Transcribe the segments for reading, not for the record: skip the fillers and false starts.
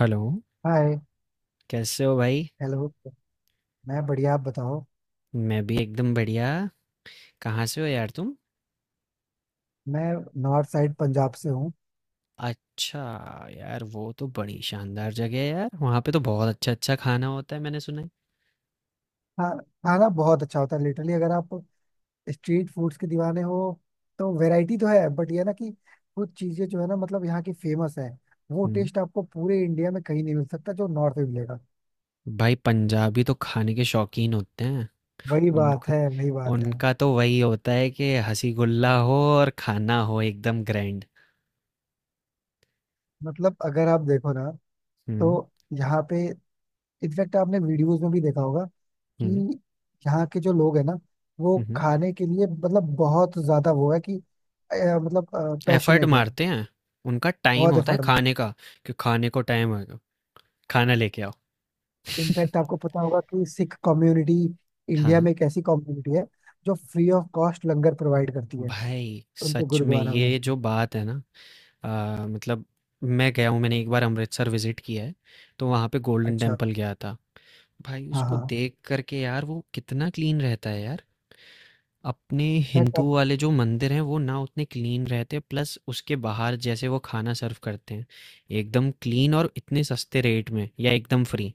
Hello. Hi. कैसे हो भाई। हेलो। मैं बढ़िया, आप बताओ। मैं भी एकदम बढ़िया। कहाँ से हो यार तुम? मैं नॉर्थ साइड पंजाब से हूँ। अच्छा। यार वो तो बड़ी शानदार जगह है यार, वहाँ पे तो बहुत अच्छा अच्छा खाना होता है, मैंने सुना है। हाँ, खाना बहुत अच्छा होता है, लिटरली अगर आप स्ट्रीट फूड्स के दीवाने हो तो वैरायटी तो है, बट ये ना कि कुछ चीज़ें जो है ना मतलब यहाँ की फेमस है, वो हम्म। टेस्ट आपको पूरे इंडिया में कहीं नहीं मिल सकता जो नॉर्थ में मिलेगा। भाई पंजाबी तो खाने के शौकीन होते हैं। वही उन बात है, वही बात है। उनका तो वही होता है कि हंसी गुल्ला हो और खाना हो एकदम ग्रैंड। मतलब अगर आप देखो ना, हम्म तो यहाँ पे इनफैक्ट आपने वीडियोस में भी देखा होगा कि हम्म यहाँ के जो लोग हैं ना, वो हम्म। खाने के लिए मतलब बहुत ज्यादा वो है कि अ, मतलब एफर्ट पैशनेट है, मारते हैं, उनका टाइम बहुत होता है एफर्ट में। खाने का कि खाने को टाइम होगा, खाना लेके आओ। इनफैक्ट आपको पता होगा कि सिख कम्युनिटी इंडिया में हाँ, एक ऐसी कम्युनिटी है जो free of cost langar provide करती है भाई उनके सच में गुरुद्वारा में। ये जो बात है ना, मतलब मैं गया हूँ, मैंने एक बार अमृतसर विजिट किया है, तो वहाँ पे गोल्डन अच्छा। टेम्पल गया था। भाई हाँ उसको हाँ। देख करके यार, वो कितना क्लीन रहता है यार। अपने इनफैक्ट हिंदू आपको, वाले जो मंदिर हैं वो ना उतने क्लीन रहते, प्लस उसके बाहर जैसे वो खाना सर्व करते हैं एकदम क्लीन और इतने सस्ते रेट में या एकदम फ्री।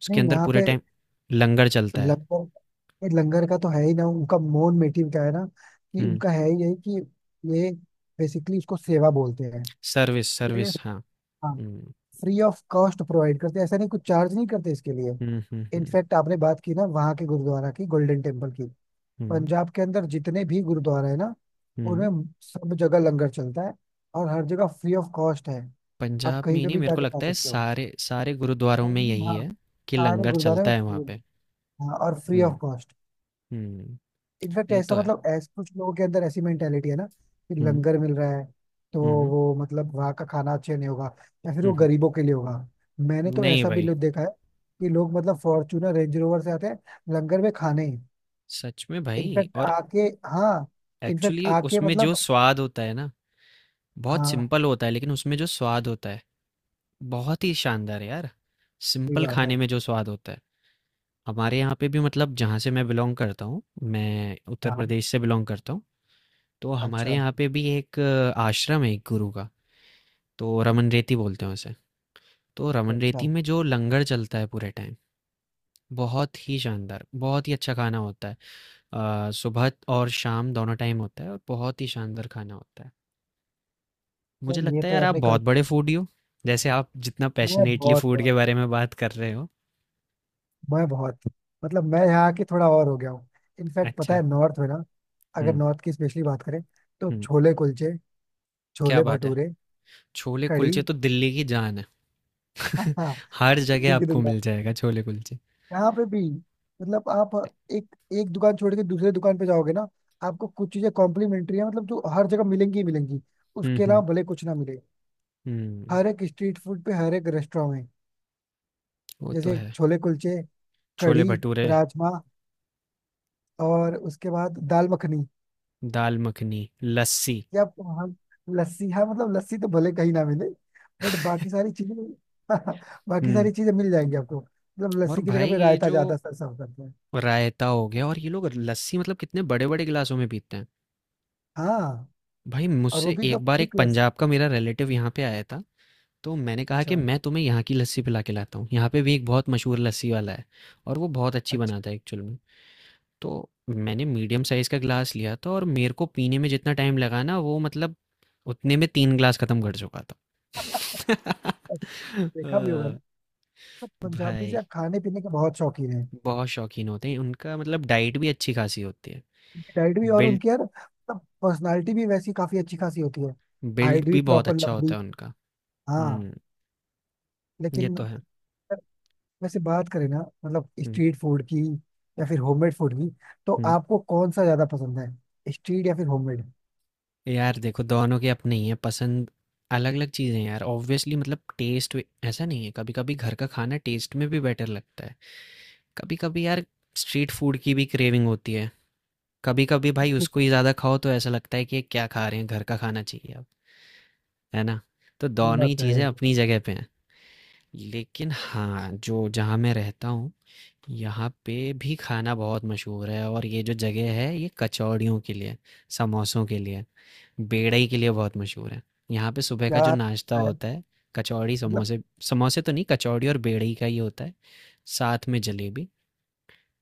उसके नहीं अंदर यहाँ पूरे पे टाइम लंगर चलता है। लंगर, ये लंगर का तो है ही ना, उनका मोन मोटिव क्या है ना कि हम्म। उनका है ही यही कि ये बेसिकली उसको सेवा बोलते हैं। सर्विस तो ये सर्विस हाँ। हाँ हम्म फ्री ऑफ कॉस्ट प्रोवाइड करते हैं, ऐसा नहीं कुछ चार्ज नहीं करते इसके लिए। हम्म। इनफैक्ट आपने बात की ना वहाँ के गुरुद्वारा की, गोल्डन टेम्पल की। हम्म पंजाब के अंदर जितने भी गुरुद्वारा है ना, हम्म। उनमें सब जगह लंगर चलता है और हर जगह फ्री ऑफ कॉस्ट है। आप पंजाब में कहीं ही पे नहीं, भी मेरे को जाके खा लगता है सकते हो। सारे सारे गुरुद्वारों में यही हाँ, है कि सारे लंगर गुरुद्वारे में चलता है वहाँ free पे। है। हाँ और free off hmm cost. Hmm. In fact ये तो ऐसा, है। मतलब ऐसा कुछ लोगों के अंदर ऐसी मेंटेलिटी है ना कि हम्म लंगर मिल रहा है तो हम्म वो, मतलब वहाँ का खाना अच्छा नहीं होगा या फिर हम्म वो हम्म। गरीबों के लिए होगा। मैंने तो नहीं ऐसा भी भाई, लोग देखा है कि लोग मतलब फॉर्चूनर रेंज रोवर से आते हैं लंगर में खाने। सच में भाई। इनफैक्ट और आके, हाँ, इनफैक्ट एक्चुअली आके उसमें जो मतलब। स्वाद होता है ना, बहुत हाँ सिंपल होता है, लेकिन उसमें जो स्वाद होता है बहुत ही शानदार है यार। सही सिंपल बात है। खाने में जो स्वाद होता है। हमारे यहाँ पे भी मतलब, जहाँ से मैं बिलोंग करता हूँ, मैं उत्तर हाँ। प्रदेश से बिलोंग करता हूँ, तो हमारे अच्छा यहाँ पे भी एक आश्रम है एक गुरु का। तो रमन रेती बोलते हैं उसे। तो रमन अच्छा। रेती में जो लंगर चलता है पूरे टाइम, बहुत ही शानदार, बहुत ही अच्छा खाना होता है। सुबह और शाम दोनों टाइम होता है, और बहुत ही शानदार खाना होता है। यार मुझे ये लगता है तो है यार आप अपने बहुत कल्चर बड़े फूडी हो, जैसे आप जितना में। पैशनेटली बहुत फूड के बहुत बारे में बात कर रहे हो। मैं बहुत मतलब मैं यहाँ की थोड़ा और हो गया हूँ। इनफैक्ट पता अच्छा। है नॉर्थ में ना, अगर हम्म नॉर्थ की स्पेशली बात करें तो हम्म। छोले कुलचे, क्या छोले बात है, भटूरे, छोले कढ़ी। कुलचे तो दिल्ली की जान है। हाँ हाँ। हर जगह इडली की आपको दुकान मिल जाएगा छोले कुलचे। यहाँ पे भी, मतलब आप एक एक दुकान छोड़ के दूसरे दुकान पे जाओगे ना आपको कुछ चीजें कॉम्प्लीमेंट्री है, मतलब जो हर जगह मिलेंगी ही मिलेंगी, उसके अलावा हम्म। भले कुछ ना मिले। हम्म, हर एक स्ट्रीट फूड पे, हर एक रेस्टोरेंट में, वो तो जैसे है। छोले कुलचे, छोले कढ़ी, भटूरे। राजमा और उसके बाद दाल मखनी, दाल मखनी लस्सी। या हम लस्सी। हाँ मतलब लस्सी तो भले कहीं ना मिले बट बाकी सारी चीजें बाकी हम्म। सारी चीजें मिल जाएंगी आपको। मतलब और लस्सी की जगह भाई पे ये रायता जो ज्यादा सर सर्व करते हैं। रायता हो गया, और ये लोग लस्सी मतलब कितने बड़े बड़े गिलासों में पीते हैं। हाँ भाई और वो मुझसे भी एकदम एक बार एक थिक लस्सी। पंजाब का मेरा रिलेटिव यहाँ पे आया था, तो मैंने कहा अच्छा कि मैं तुम्हें यहाँ की लस्सी पिला के लाता हूँ, यहाँ पे भी एक बहुत मशहूर लस्सी वाला है, और वो बहुत अच्छी अच्छा। बनाता है एक्चुअल में। तो मैंने मीडियम साइज़ का गिलास लिया था, और मेरे को पीने में जितना टाइम लगा ना, वो मतलब उतने में तीन गिलास ख़त्म कर चुका था। अब देखा भी होगा अ, ना तो पंजाबी भाई से खाने पीने के बहुत शौकीन है। बहुत शौकीन होते हैं, उनका मतलब डाइट भी अच्छी खासी होती है। उनकी डाइट भी और बिल्ड, उनकी यार मतलब पर्सनालिटी भी वैसी काफी अच्छी खासी होती है। बिल्ड हाइट भी भी बहुत प्रॉपर अच्छा होता लंबी। है उनका। हाँ हुँ, ये लेकिन तो है। वैसे बात करें ना, मतलब हुँ, स्ट्रीट फूड की या फिर होममेड फूड की, तो हुँ। आपको कौन सा ज्यादा पसंद है, स्ट्रीट या फिर होममेड? यार देखो दोनों की अपनी है पसंद, अलग-अलग चीज़ें हैं यार ऑब्वियसली, मतलब टेस्ट वे ऐसा नहीं है, कभी-कभी घर का खाना टेस्ट में भी बेटर लगता है। कभी-कभी यार स्ट्रीट फूड की भी क्रेविंग होती है। कभी-कभी भाई उसको ही ज़्यादा खाओ तो ऐसा लगता है कि ये क्या खा रहे हैं, घर का खाना चाहिए अब, है ना? तो ये दोनों बात ही तो है चीज़ें अपनी जगह पे हैं। लेकिन हाँ, जो जहाँ मैं रहता हूँ, यहाँ पे भी खाना बहुत मशहूर है, और ये जो जगह है ये कचौड़ियों के लिए, समोसों के लिए, बेड़ई के लिए बहुत मशहूर है। यहाँ पे सुबह का जो यार। नाश्ता अ, होता है, कचौड़ी मतलब समोसे, समोसे तो नहीं कचौड़ी और बेड़ई का ही होता है, साथ में जलेबी,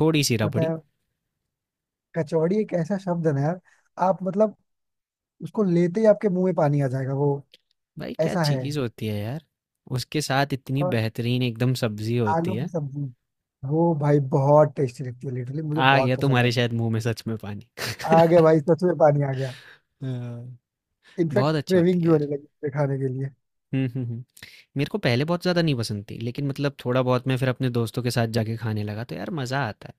थोड़ी सी पता रबड़ी। है कचौड़ी एक ऐसा शब्द है ना यार, आप मतलब उसको लेते ही आपके मुंह में पानी आ जाएगा। वो भाई क्या ऐसा है चीज़ होती है यार, उसके साथ इतनी और बेहतरीन एकदम सब्जी होती आलू की है। सब्जी, वो भाई बहुत टेस्टी लगती है, लिटरली मुझे आ बहुत गया पसंद तुम्हारे है। शायद मुंह में सच में पानी। आ गया भाई सच में पानी आ गया। हाँ। इनफैक्ट बहुत अच्छी क्रेविंग होती भी है यार। होने लगी उसके खाने के लिए। हम्म हम्म हम्म। मेरे को पहले बहुत ज़्यादा नहीं पसंद थी, लेकिन मतलब थोड़ा बहुत मैं फिर अपने दोस्तों के साथ जाके खाने लगा, तो यार मज़ा आता है।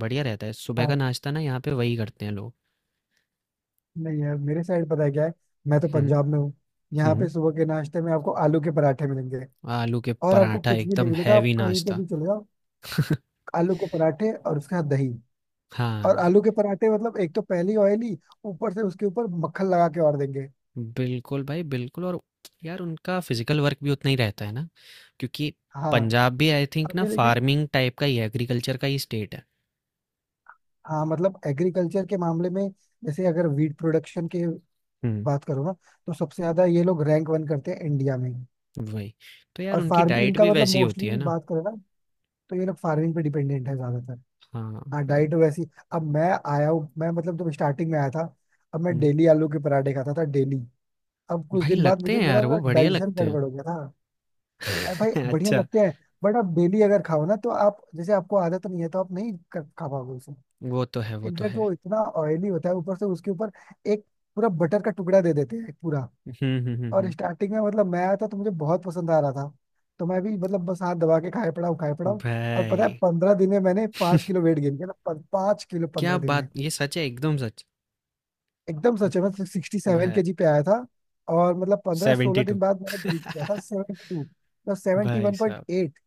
बढ़िया रहता है सुबह का हाँ नाश्ता, ना यहाँ पे वही करते हैं लोग। नहीं यार, मेरे साइड पता है क्या है, मैं तो हम्म पंजाब में हूँ, यहाँ पे हम्म। सुबह के नाश्ते में आपको आलू के पराठे मिलेंगे आलू के और आपको पराठा कुछ भी नहीं एकदम मिलेगा, आप हैवी कहीं पे नाश्ता। भी चले जाओ, आलू के पराठे और उसके साथ दही। और हाँ, आलू के पराठे मतलब एक तो पहली ऑयली, ऊपर से उसके ऊपर मक्खन लगा के और देंगे। बिल्कुल भाई बिल्कुल। और यार उनका फ़िज़िकल वर्क भी उतना ही रहता है ना, क्योंकि हाँ पंजाब भी आई थिंक ना अभी लेकिन, फ़ार्मिंग टाइप का ही है, एग्रीकल्चर का ही स्टेट है। हाँ मतलब एग्रीकल्चर के मामले में, जैसे अगर वीट प्रोडक्शन की हुँ, बात करो ना, तो सबसे ज्यादा ये लोग रैंक वन करते हैं इंडिया में। वही। तो यार और उनकी फार्म डाइट इनका भी मतलब वैसी ही होती है मोस्टली ना। बात करें ना तो ये लोग फार्मिंग पे डिपेंडेंट है ज्यादातर। हाँ, हाँ हाँ। डाइट वैसी, अब मैं आया हूँ, मैं मतलब जब स्टार्टिंग में आया था, अब मैं हुँ, डेली आलू के पराठे खाता था डेली, अब कुछ भाई दिन बाद लगते मुझे हैं मेरा यार, वो मतलब बढ़िया डाइजेशन लगते हैं। गड़बड़ हो गया था। अरे भाई बढ़िया अच्छा, लगते हैं, बट आप डेली अगर खाओ ना तो आप, जैसे आपको आदत नहीं है तो आप नहीं कर, खा पाओगे उसे। वो तो है, वो तो इनफैक्ट है। वो इतना ऑयली होता है, ऊपर से उसके ऊपर एक पूरा बटर का टुकड़ा दे देते हैं पूरा। हुँ, हुँ, हुँ, और हुँ। स्टार्टिंग में मतलब मैं आया था तो मुझे बहुत पसंद आ रहा था, तो मैं भी मतलब बस हाथ दबा के खाए पड़ा हूँ खाए पड़ा हूँ। और पता है भाई। 15 दिन में मैंने 5 किलो वेट गेन किया था, 5 किलो क्या 15 दिन बात! में। ये सच है, एकदम सच। एकदम सच है, मैं सिक्सटी सेवन भाई के जी पे आया था और मतलब पंद्रह सोलह 72। दिन बाद मैंने ब्रेक किया था 72, मतलब सेवेंटी भाई वन पॉइंट साहब, एट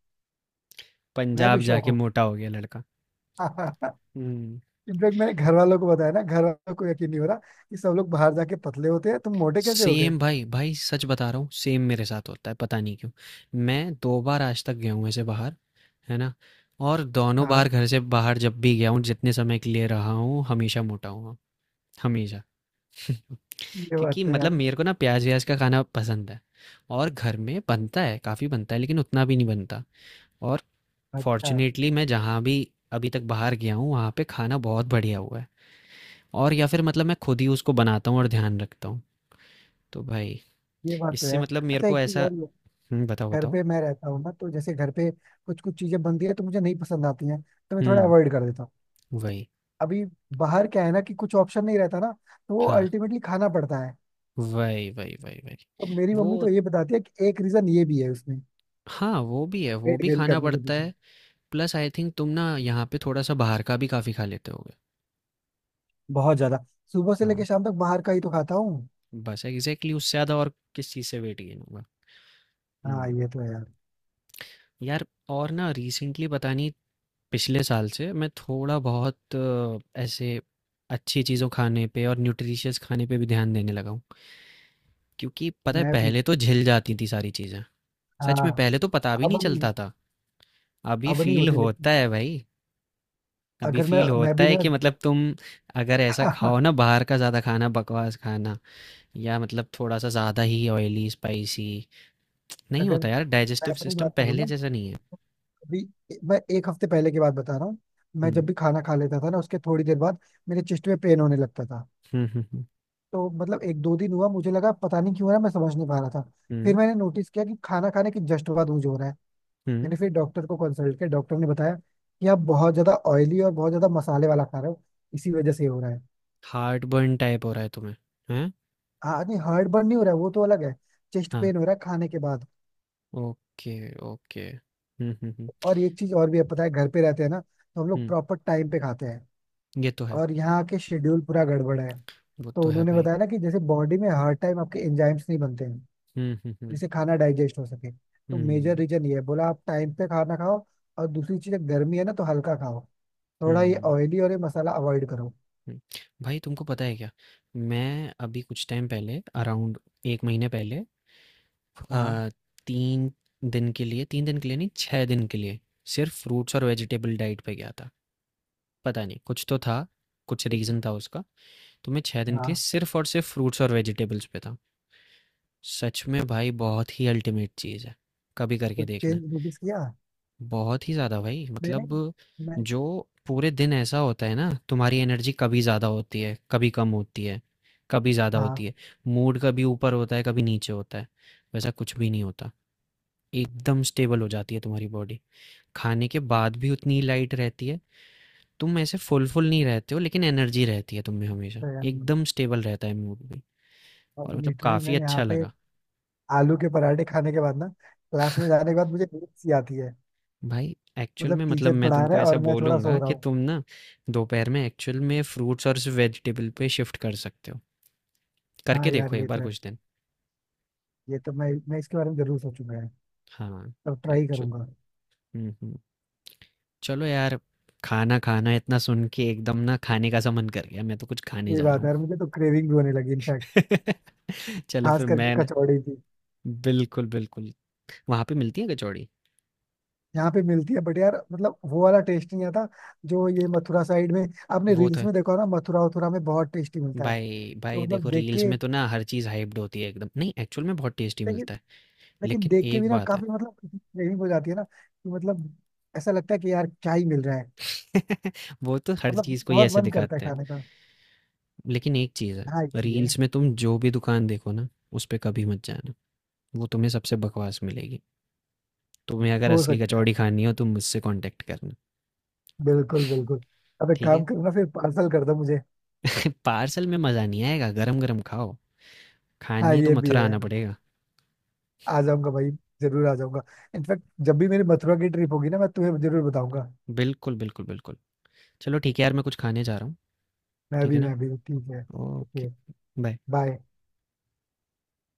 मैं पंजाब भी शौक जाके हो मोटा हो गया लड़का। गया हम्म। इनफैक्ट मैंने घर वालों को बताया ना, घर वालों को यकीन नहीं हो रहा कि सब लोग बाहर जाके पतले होते हैं, तुम मोटे कैसे हो गए। सेम भाई भाई, सच बता रहा हूँ, सेम मेरे साथ होता है, पता नहीं क्यों। मैं दो बार आज तक गया हूँ ऐसे बाहर, है ना? और दोनों बार हाँ घर से बाहर जब भी गया हूँ, जितने समय के लिए रहा हूँ हमेशा मोटा हुआ, हमेशा। ये बात क्योंकि तो मतलब यार। मेरे को ना प्याज व्याज का खाना पसंद है, और घर में बनता है, काफ़ी बनता है, लेकिन उतना भी नहीं बनता। और अच्छा। फॉर्चुनेटली मैं जहाँ भी अभी तक बाहर गया हूँ, वहाँ पे खाना बहुत बढ़िया हुआ है। और या फिर मतलब मैं खुद ही उसको बनाता हूँ और ध्यान रखता हूँ, तो भाई ये बात तो इससे यार। मतलब मेरे अच्छा को एक चीज ऐसा। और ये, हुँ, बताओ घर बताओ। पे मैं रहता हूँ ना तो जैसे घर पे कुछ कुछ चीजें बनती है तो मुझे नहीं पसंद आती हैं तो मैं थोड़ा हुँ, अवॉइड कर देता हूँ। वही। अभी बाहर क्या है ना कि कुछ ऑप्शन नहीं रहता ना, तो वो हाँ, अल्टीमेटली खाना पड़ता है। वही वही वही वही। तो मेरी वो मम्मी तो ये बताती है कि एक रीजन ये भी है उसमें हाँ, वो भी है, वो वेट भी गेन खाना करने के पड़ता पीछे। है। प्लस आई थिंक तुम ना यहाँ पे थोड़ा सा बाहर का भी काफी खा लेते होगे। बहुत ज्यादा सुबह से हाँ, लेके शाम तक बाहर का ही तो खाता हूँ। बस एग्जैक्टली, उससे ज्यादा और किस चीज़ से वेट गेन होगा। हाँ हम्म। ये तो है यार। यार और ना रिसेंटली, पता नहीं पिछले साल से मैं थोड़ा बहुत ऐसे अच्छी चीज़ों खाने पे और न्यूट्रिशियस खाने पे भी ध्यान देने लगा हूँ। क्योंकि पता है मैं भी पहले तो झिल जाती थी सारी चीज़ें, सच हाँ। में पहले तो पता भी अब नहीं नहीं, चलता था। अभी अब नहीं फील होती लेकिन। होता है भाई, अभी अगर मैं फील मैं होता भी है ना कि मतलब तुम अगर ऐसा खाओ ना बाहर का ज़्यादा खाना, बकवास खाना या मतलब थोड़ा सा ज़्यादा ही ऑयली स्पाइसी, नहीं अगर होता यार, मैं डाइजेस्टिव अपनी सिस्टम बात करूँ पहले ना। जैसा नहीं है। अभी मैं 1 हफ्ते पहले की बात बता रहा हूँ, मैं जब हम्म भी खाना खा लेता था ना उसके थोड़ी देर बाद मेरे चेस्ट में पेन होने लगता था। हम्म। तो मतलब एक दो दिन हुआ, मुझे लगा पता नहीं क्यों हो रहा है, मैं समझ नहीं पा रहा था। फिर हम्म मैंने नोटिस किया कि खाना खाने के जस्ट बाद मुझे हो रहा है। हम्म। मैंने फिर डॉक्टर को कंसल्ट किया, डॉक्टर ने बताया कि आप बहुत ज्यादा ऑयली और बहुत ज्यादा मसाले वाला खा रहे हो, इसी वजह से ये हो रहा है। हार्ट बर्न टाइप हो रहा है तुम्हें? हैं? हाँ नहीं, हार्ट बर्न नहीं हो रहा है, वो तो अलग है, चेस्ट हाँ। पेन हो रहा है खाने के बाद। ओके। ओके। हम्म। और एक चीज और भी है पता है, घर पे रहते हैं ना तो हम लोग हम्म, प्रॉपर टाइम पे खाते हैं ये तो है। और यहाँ के शेड्यूल पूरा गड़बड़ है। वो तो तो है उन्होंने भाई। बताया ना कि जैसे बॉडी में हर टाइम आपके एंजाइम्स नहीं बनते हैं हम्म। जिससे खाना डाइजेस्ट हो सके, तो मेजर हम्म रीजन ये है, बोला आप टाइम पे खाना खाओ। और दूसरी चीज गर्मी है ना तो हल्का खाओ, थोड़ा ये हम्म। ऑयली और ये मसाला अवॉइड करो। हुँ। भाई तुमको पता है क्या? मैं अभी कुछ टाइम पहले अराउंड 1 महीने पहले हाँ अ, 3 दिन के लिए, 3 दिन के लिए नहीं 6 दिन के लिए सिर्फ़ फ्रूट्स और वेजिटेबल डाइट पे गया था। पता नहीं कुछ तो था, कुछ रीज़न था उसका। तो मैं 6 दिन के लिए हाँ, सिर्फ़ और सिर्फ़ फ्रूट्स और वेजिटेबल्स पे था। सच में भाई बहुत ही अल्टीमेट चीज़ है, कभी करके कुछ देखना। चेंज नोटिस किया? बहुत ही ज्यादा भाई मैंने मतलब, मैं जो पूरे दिन ऐसा होता है ना, तुम्हारी एनर्जी कभी ज्यादा होती है कभी कम होती है, कभी ज्यादा हाँ होती है, मूड कभी ऊपर होता है कभी नीचे होता है, वैसा कुछ भी नहीं होता। एकदम स्टेबल हो जाती है तुम्हारी बॉडी, खाने के बाद भी उतनी लाइट रहती है, तुम ऐसे फुल फुल नहीं रहते हो, लेकिन एनर्जी रहती है तुम में हमेशा, एकदम स्टेबल रहता है मूड भी, और मतलब लिटरली काफी मैं यहाँ अच्छा पे लगा। आलू के पराठे खाने के बाद ना, क्लास में जाने के बाद मुझे नींद सी आती है, भाई एक्चुअल मतलब में मतलब टीचर मैं पढ़ा रहा तुमको है ऐसा और मैं थोड़ा बोलूँगा सो रहा कि हूँ। तुम ना दोपहर में एक्चुअल में फ्रूट्स और वेजिटेबल पे शिफ्ट कर सकते हो, करके हाँ यार देखो एक ये तो बार है, कुछ दिन। ये तो मैं इसके बारे में जरूर सोचूंगा यार हाँ, और ट्राई एक्चुअल। करूंगा। हम्म हम्म। चलो यार, खाना खाना इतना सुन के एकदम ना खाने का सा मन कर गया, मैं तो कुछ खाने ये जा रहा बात है हूँ। यार, मुझे तो क्रेविंग भी होने लगी इनफैक्ट, चलो खास फिर करके मैं ना। कचौड़ी की। बिल्कुल बिल्कुल, वहाँ पे मिलती है कचौड़ी। यहाँ पे मिलती है बट यार मतलब वो वाला टेस्ट नहीं आता जो ये मथुरा साइड में, आपने वो तो रील्स है में देखा होगा ना, मथुरा वथुरा में बहुत टेस्टी मिलता है। भाई, तो भाई देखो मतलब देख रील्स के, में तो ना हर चीज़ हाइप्ड होती है, एकदम नहीं, एक्चुअल में बहुत टेस्टी लेकिन, मिलता है। लेकिन लेकिन देख के भी एक ना बात है। काफी मतलब क्रेविंग हो जाती है ना कि मतलब ऐसा लगता है कि यार क्या ही मिल रहा है, वो तो हर मतलब चीज़ को ही बहुत ऐसे मन करता है दिखाते हैं। खाने का। लेकिन एक चीज़ है, हाँ ये भी है। रील्स में तुम जो भी दुकान देखो ना, उस पे कभी मत जाना, वो तुम्हें सबसे बकवास मिलेगी। तुम्हें अगर हो असली सकता है। कचौड़ी खानी हो, तुम मुझसे कॉन्टैक्ट करना, बिल्कुल बिल्कुल। अब एक ठीक है? काम करो ना फिर पार्सल कर दो मुझे। पार्सल में मज़ा नहीं आएगा, गरम-गरम खाओ। हाँ खानी है तो ये भी मथुरा है, आना पड़ेगा। आ जाऊंगा भाई, जरूर आ जाऊंगा, इनफैक्ट जब भी मेरी मथुरा की ट्रिप होगी ना मैं तुम्हें जरूर बताऊंगा। बिल्कुल, बिल्कुल, बिल्कुल। चलो ठीक है यार, मैं कुछ खाने जा रहा हूँ, मैं ठीक भी है ना? मैं भी ठीक है। Okay, okay. बाय। बाय।